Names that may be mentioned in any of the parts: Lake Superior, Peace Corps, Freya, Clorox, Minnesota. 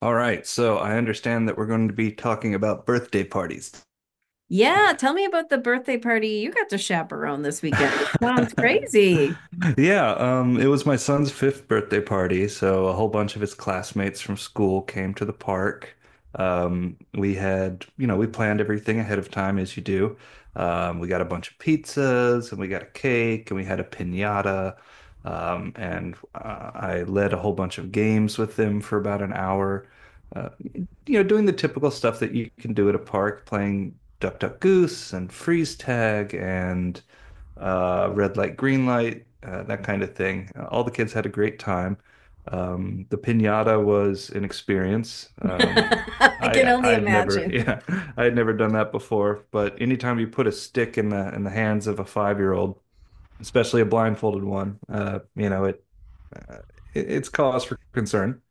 All right, so I understand that we're going to be talking about birthday parties. Yeah, tell me about the birthday party you got to chaperone this weekend. It sounds crazy. Yeah, it was my son's fifth birthday party, so a whole bunch of his classmates from school came to the park. We had, we planned everything ahead of time, as you do. We got a bunch of pizzas, and we got a cake, and we had a piñata, and I led a whole bunch of games with them for about an hour. Doing the typical stuff that you can do at a park, playing Duck Duck Goose and freeze tag and red light, green light, that kind of thing. All the kids had a great time. The piñata was an experience. Um, I can I only I'd never imagine. yeah I would never done that before, but anytime you put a stick in the hands of a five-year-old, especially a blindfolded one, you know it, uh, it's cause for concern.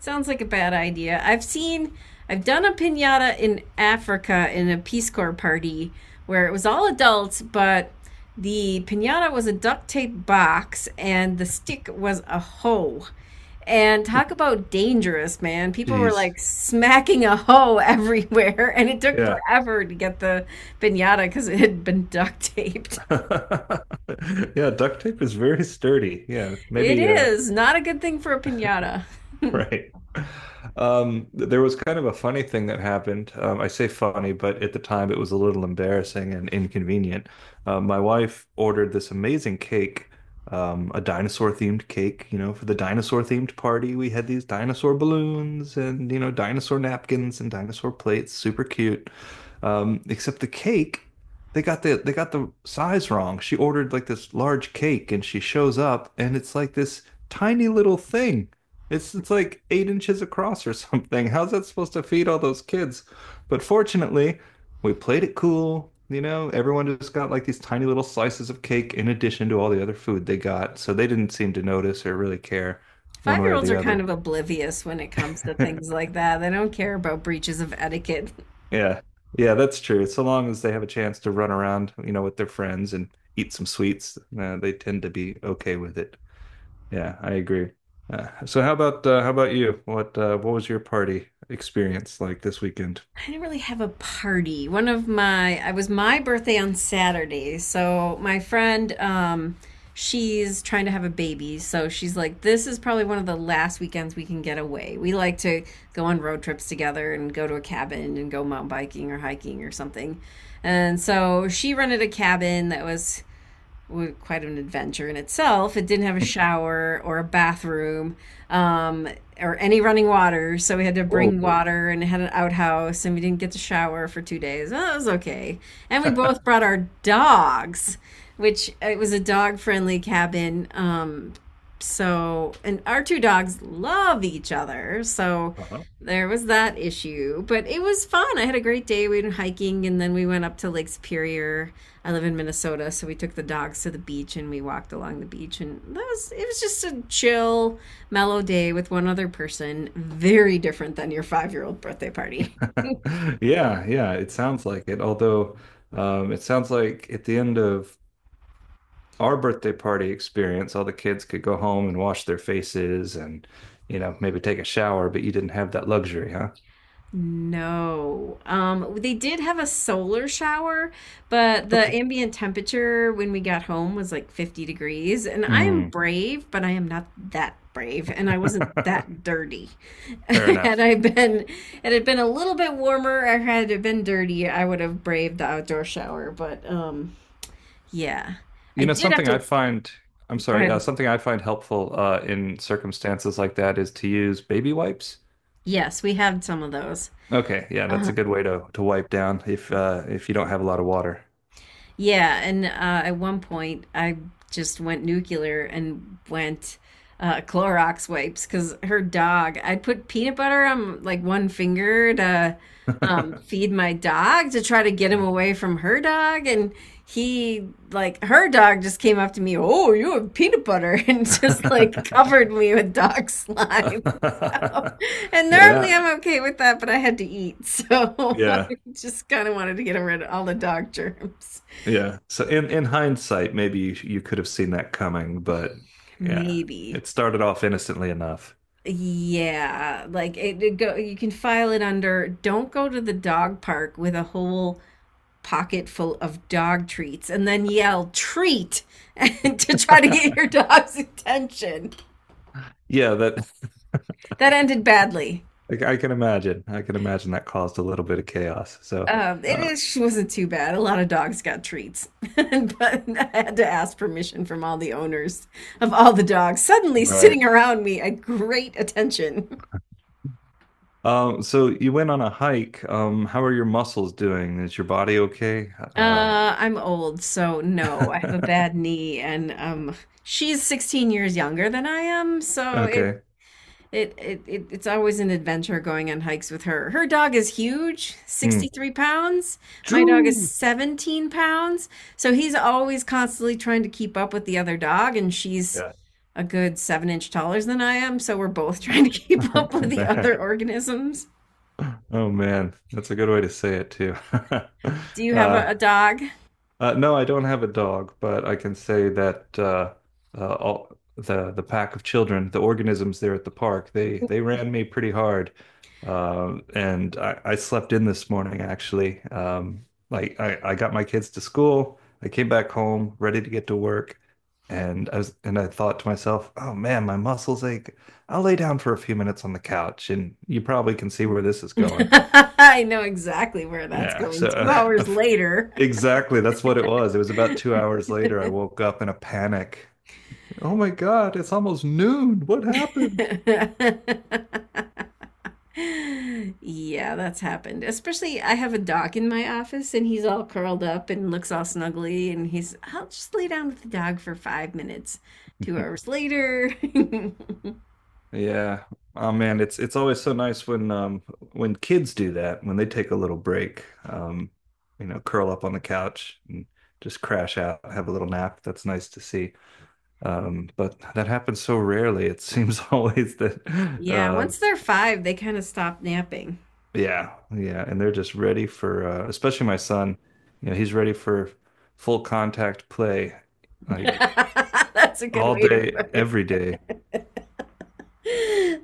Sounds like a bad idea. I've done a pinata in Africa in a Peace Corps party where it was all adults, but the pinata was a duct tape box and the stick was a hoe. And talk about dangerous, man. People were Jeez. like smacking a hoe everywhere, and it took Yeah. forever to get the pinata because it had been duct taped. Yeah, duct tape is very sturdy. Yeah, It maybe is not a good thing for a pinata. Right. There was kind of a funny thing that happened. I say funny, but at the time it was a little embarrassing and inconvenient. My wife ordered this amazing cake, a dinosaur themed cake, you know, for the dinosaur themed party. We had these dinosaur balloons and, you know, dinosaur napkins and dinosaur plates, super cute. Except the cake, they got the size wrong. She ordered like this large cake, and she shows up, and it's like this tiny little thing. It's like eight inches across or something. How's that supposed to feed all those kids? But fortunately, we played it cool. You know, everyone just got like these tiny little slices of cake in addition to all the other food they got, so they didn't seem to notice or really care one Five way year or olds the are kind other. of oblivious when it comes to things like that. They don't care about breaches of etiquette. Yeah. Yeah, that's true. So long as they have a chance to run around, you know, with their friends and eat some sweets, they tend to be okay with it. Yeah, I agree. So how about you? What what was your party experience like this weekend? I didn't really have a party. I was my birthday on Saturday. So my friend, she's trying to have a baby. So she's like, this is probably one of the last weekends we can get away. We like to go on road trips together and go to a cabin and go mountain biking or hiking or something. And so she rented a cabin that was quite an adventure in itself. It didn't have a shower or a bathroom, um, or any running water, so we had to bring Whoa. water, and it had an outhouse, and we didn't get to shower for 2 days. Well, that was okay. And we both brought our dogs, which it was a dog friendly cabin. So and our two dogs love each other, so Uh-huh. there was that issue, but it was fun. I had a great day. We went hiking and then we went up to Lake Superior. I live in Minnesota, so we took the dogs to the beach and we walked along the beach, and that was it was just a chill, mellow day with one other person. Very different than your 5 year old birthday party. Yeah, yeah, it sounds like it. Although, it sounds like at the end of our birthday party experience, all the kids could go home and wash their faces and, you know, maybe take a shower, but you didn't have that luxury, huh? No. They did have a solar shower, but the Okay. ambient temperature when we got home was like 50 degrees. And I am Mm. brave, but I am not that brave, and I wasn't that dirty. Fair Had enough. I been, had it been a little bit warmer, or had it been dirty, I would have braved the outdoor shower. Yeah, I You know, did have something I to find, I'm go sorry, ahead. something I find helpful in circumstances like that is to use baby wipes. Yes, we had some of those. Okay, yeah, that's a Uh-huh. good way to wipe down if you don't have a lot of water. Yeah, and at one point I just went nuclear and went, Clorox wipes because her dog. I put peanut butter on like one finger to, feed my dog to try to get him Yeah. away from her dog, and he like her dog just came up to me. Oh, you have peanut butter, and just like covered me with dog slime. So, and normally, Yeah, yeah, I'm okay with that, but I had to eat, so yeah, I just kind of wanted to get rid of all the dog germs. yeah. So in hindsight, you could have seen that coming, but yeah, Maybe. it started off innocently enough. Yeah, like it go you can file it under don't go to the dog park with a whole pocket full of dog treats and then yell treat to try to get your dog's attention. Yeah, that That ended badly. I can imagine. I can imagine that caused a little bit of chaos. It uh, is, she wasn't too bad. A lot of dogs got treats, but I had to ask permission from all the owners of all the dogs, suddenly Right. sitting around me at great attention. So you went on a hike. How are your muscles doing? Is your body okay? I'm old, so no, I have a bad knee, and she's 16 years younger than I am, so it okay. it it, it it's always an adventure going on hikes with her. Her dog is huge, Hmm. 63 pounds. My dog is Choo! 17 pounds, so he's always constantly trying to keep up with the other dog, and she's Yeah. a good seven-inch taller than I am, so we're both trying to keep up with Oh the other man. organisms. Oh man. That's a good way to say it too. Do you have Uh, a dog? No, I don't have a dog, but I can say that all the pack of children, the organisms there at the park, they ran me pretty hard, I slept in this morning actually. I got my kids to school, I came back home ready to get to work, and I thought to myself, oh man, my muscles ache. I'll lay down for a few minutes on the couch, and you probably can see where this is going. I know exactly where that's Yeah, so going. Two uh, a hours f- later. exactly that's what it was. It was about two hours later. I woke up in a panic. Oh my God, it's almost noon. What happened? Yeah, that's happened. Especially, I have a dog in my office and he's all curled up and looks all snuggly. And he's, I'll just lay down with the dog for 5 minutes. 2 hours later. Yeah. Oh man, it's always so nice when kids do that, when they take a little break, you know, curl up on the couch and just crash out, have a little nap. That's nice to see. But that happens so rarely. It seems always that Yeah, uh, once they're five, they kind of stop napping. Yeah, yeah, and they're just ready for, especially my son. You know, he's ready for full contact play like That's a good all way to day, put it. every day.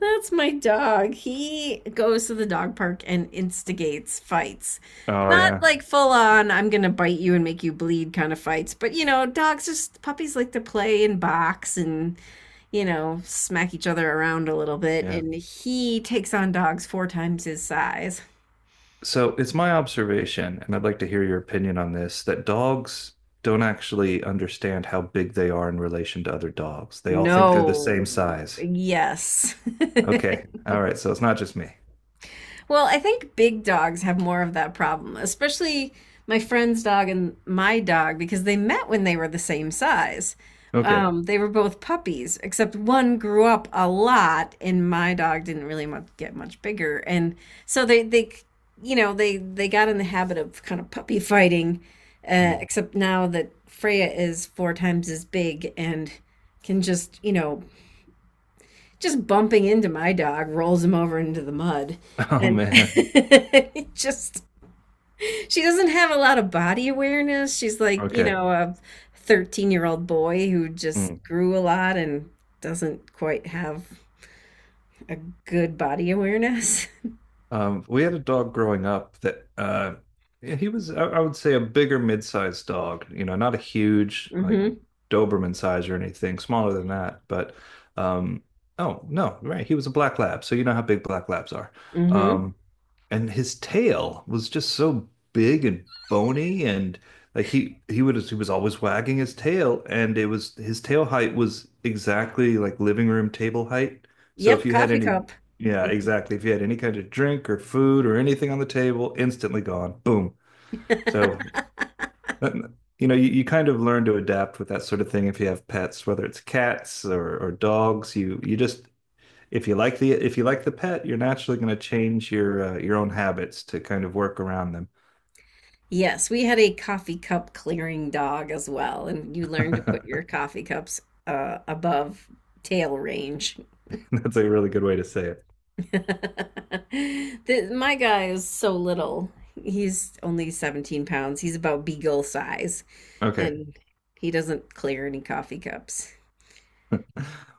That's my dog. He goes to the dog park and instigates fights. Oh Not yeah. like full on, I'm gonna bite you and make you bleed kind of fights, but you know, dogs, just puppies, like to play and box and, you know, smack each other around a little bit. Yeah. And he takes on dogs four times his size. So it's my observation, and I'd like to hear your opinion on this, that dogs don't actually understand how big they are in relation to other dogs. They all think they're the same No. size. Yes. Okay. All right, so it's not just me. Well, I think big dogs have more of that problem, especially my friend's dog and my dog, because they met when they were the same size. Okay. They were both puppies, except one grew up a lot, and my dog didn't really much, get much bigger. And so they, they, you know, they got in the habit of kind of puppy fighting, Mm. except now that Freya is four times as big and can just, you know, just bumping into my dog rolls him over into the mud. Oh And man. it just, she doesn't have a lot of body awareness. She's like, you Okay. know, a 13-year-old boy who just Mm. grew a lot and doesn't quite have a good body awareness. We had a dog growing up that, yeah, I would say, a bigger mid-sized dog. You know, not a huge like hmm Doberman size or anything, smaller than that. But um, oh no, right, he was a black lab, so you know how big black labs are. hmm Um, and his tail was just so big and bony and like he was always wagging his tail and it was his tail height was exactly like living room table height. So if Yep, you had coffee any cup. yeah, exactly. If you had any kind of drink or food or anything on the table, instantly gone. Boom. So that- you know, you kind of learn to adapt with that sort of thing if you have pets, whether it's cats or dogs, you just if you like the pet, you're naturally going to change your own habits to kind of work around Yes, we had a coffee cup clearing dog as well, and you learn to them. put your coffee cups, above tail range. That's a really good way to say it. The- my guy is so little. He's only 17 pounds. He's about beagle size, Okay. and he doesn't clear any coffee cups.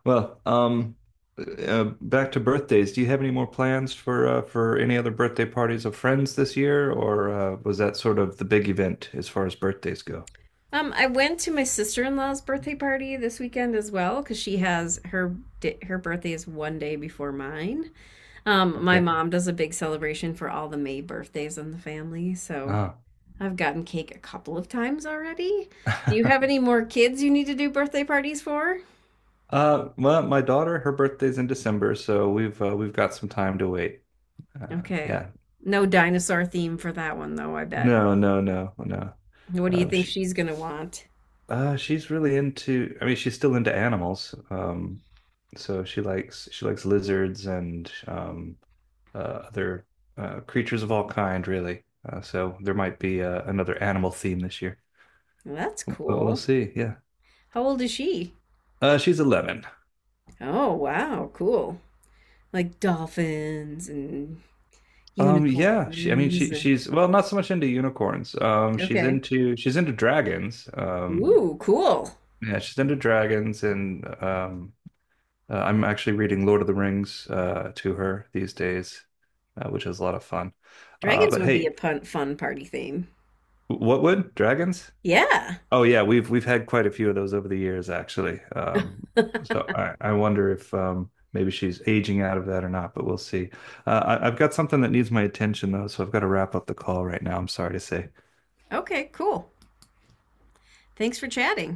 Well, back to birthdays. Do you have any more plans for any other birthday parties of friends this year, or was that sort of the big event as far as birthdays go? I went to my sister-in-law's birthday party this weekend as well because she has her di- her birthday is 1 day before mine. My Okay. mom does a big celebration for all the May birthdays in the family, so Ah. I've gotten cake a couple of times already. Do you have any more kids you need to do birthday parties for? Well, my daughter, her birthday's in December, so we've got some time to wait. Uh, Okay. yeah. No dinosaur theme for that one, though, I bet. No, no, no, no. What do you think Sh she's gonna want? She's really into, I mean, she's still into animals. So she likes lizards and other creatures of all kind, really. So there might be another animal theme this year, That's but we'll cool. see. Yeah. How old is she? She's 11. Oh, wow, cool. Like dolphins and Yeah, unicorns and she's, well, not so much into unicorns. Okay. She's into dragons. Ooh, cool. Yeah, she's into dragons and, I'm actually reading Lord of the Rings to her these days, which is a lot of fun. Dragons But would be hey, a pun fun party theme. what would dragons? Yeah. Oh yeah, we've had quite a few of those over the years, actually. So I wonder if maybe she's aging out of that or not, but we'll see. Uh, I've got something that needs my attention though, so I've got to wrap up the call right now. I'm sorry to say. Okay, cool. Thanks for chatting.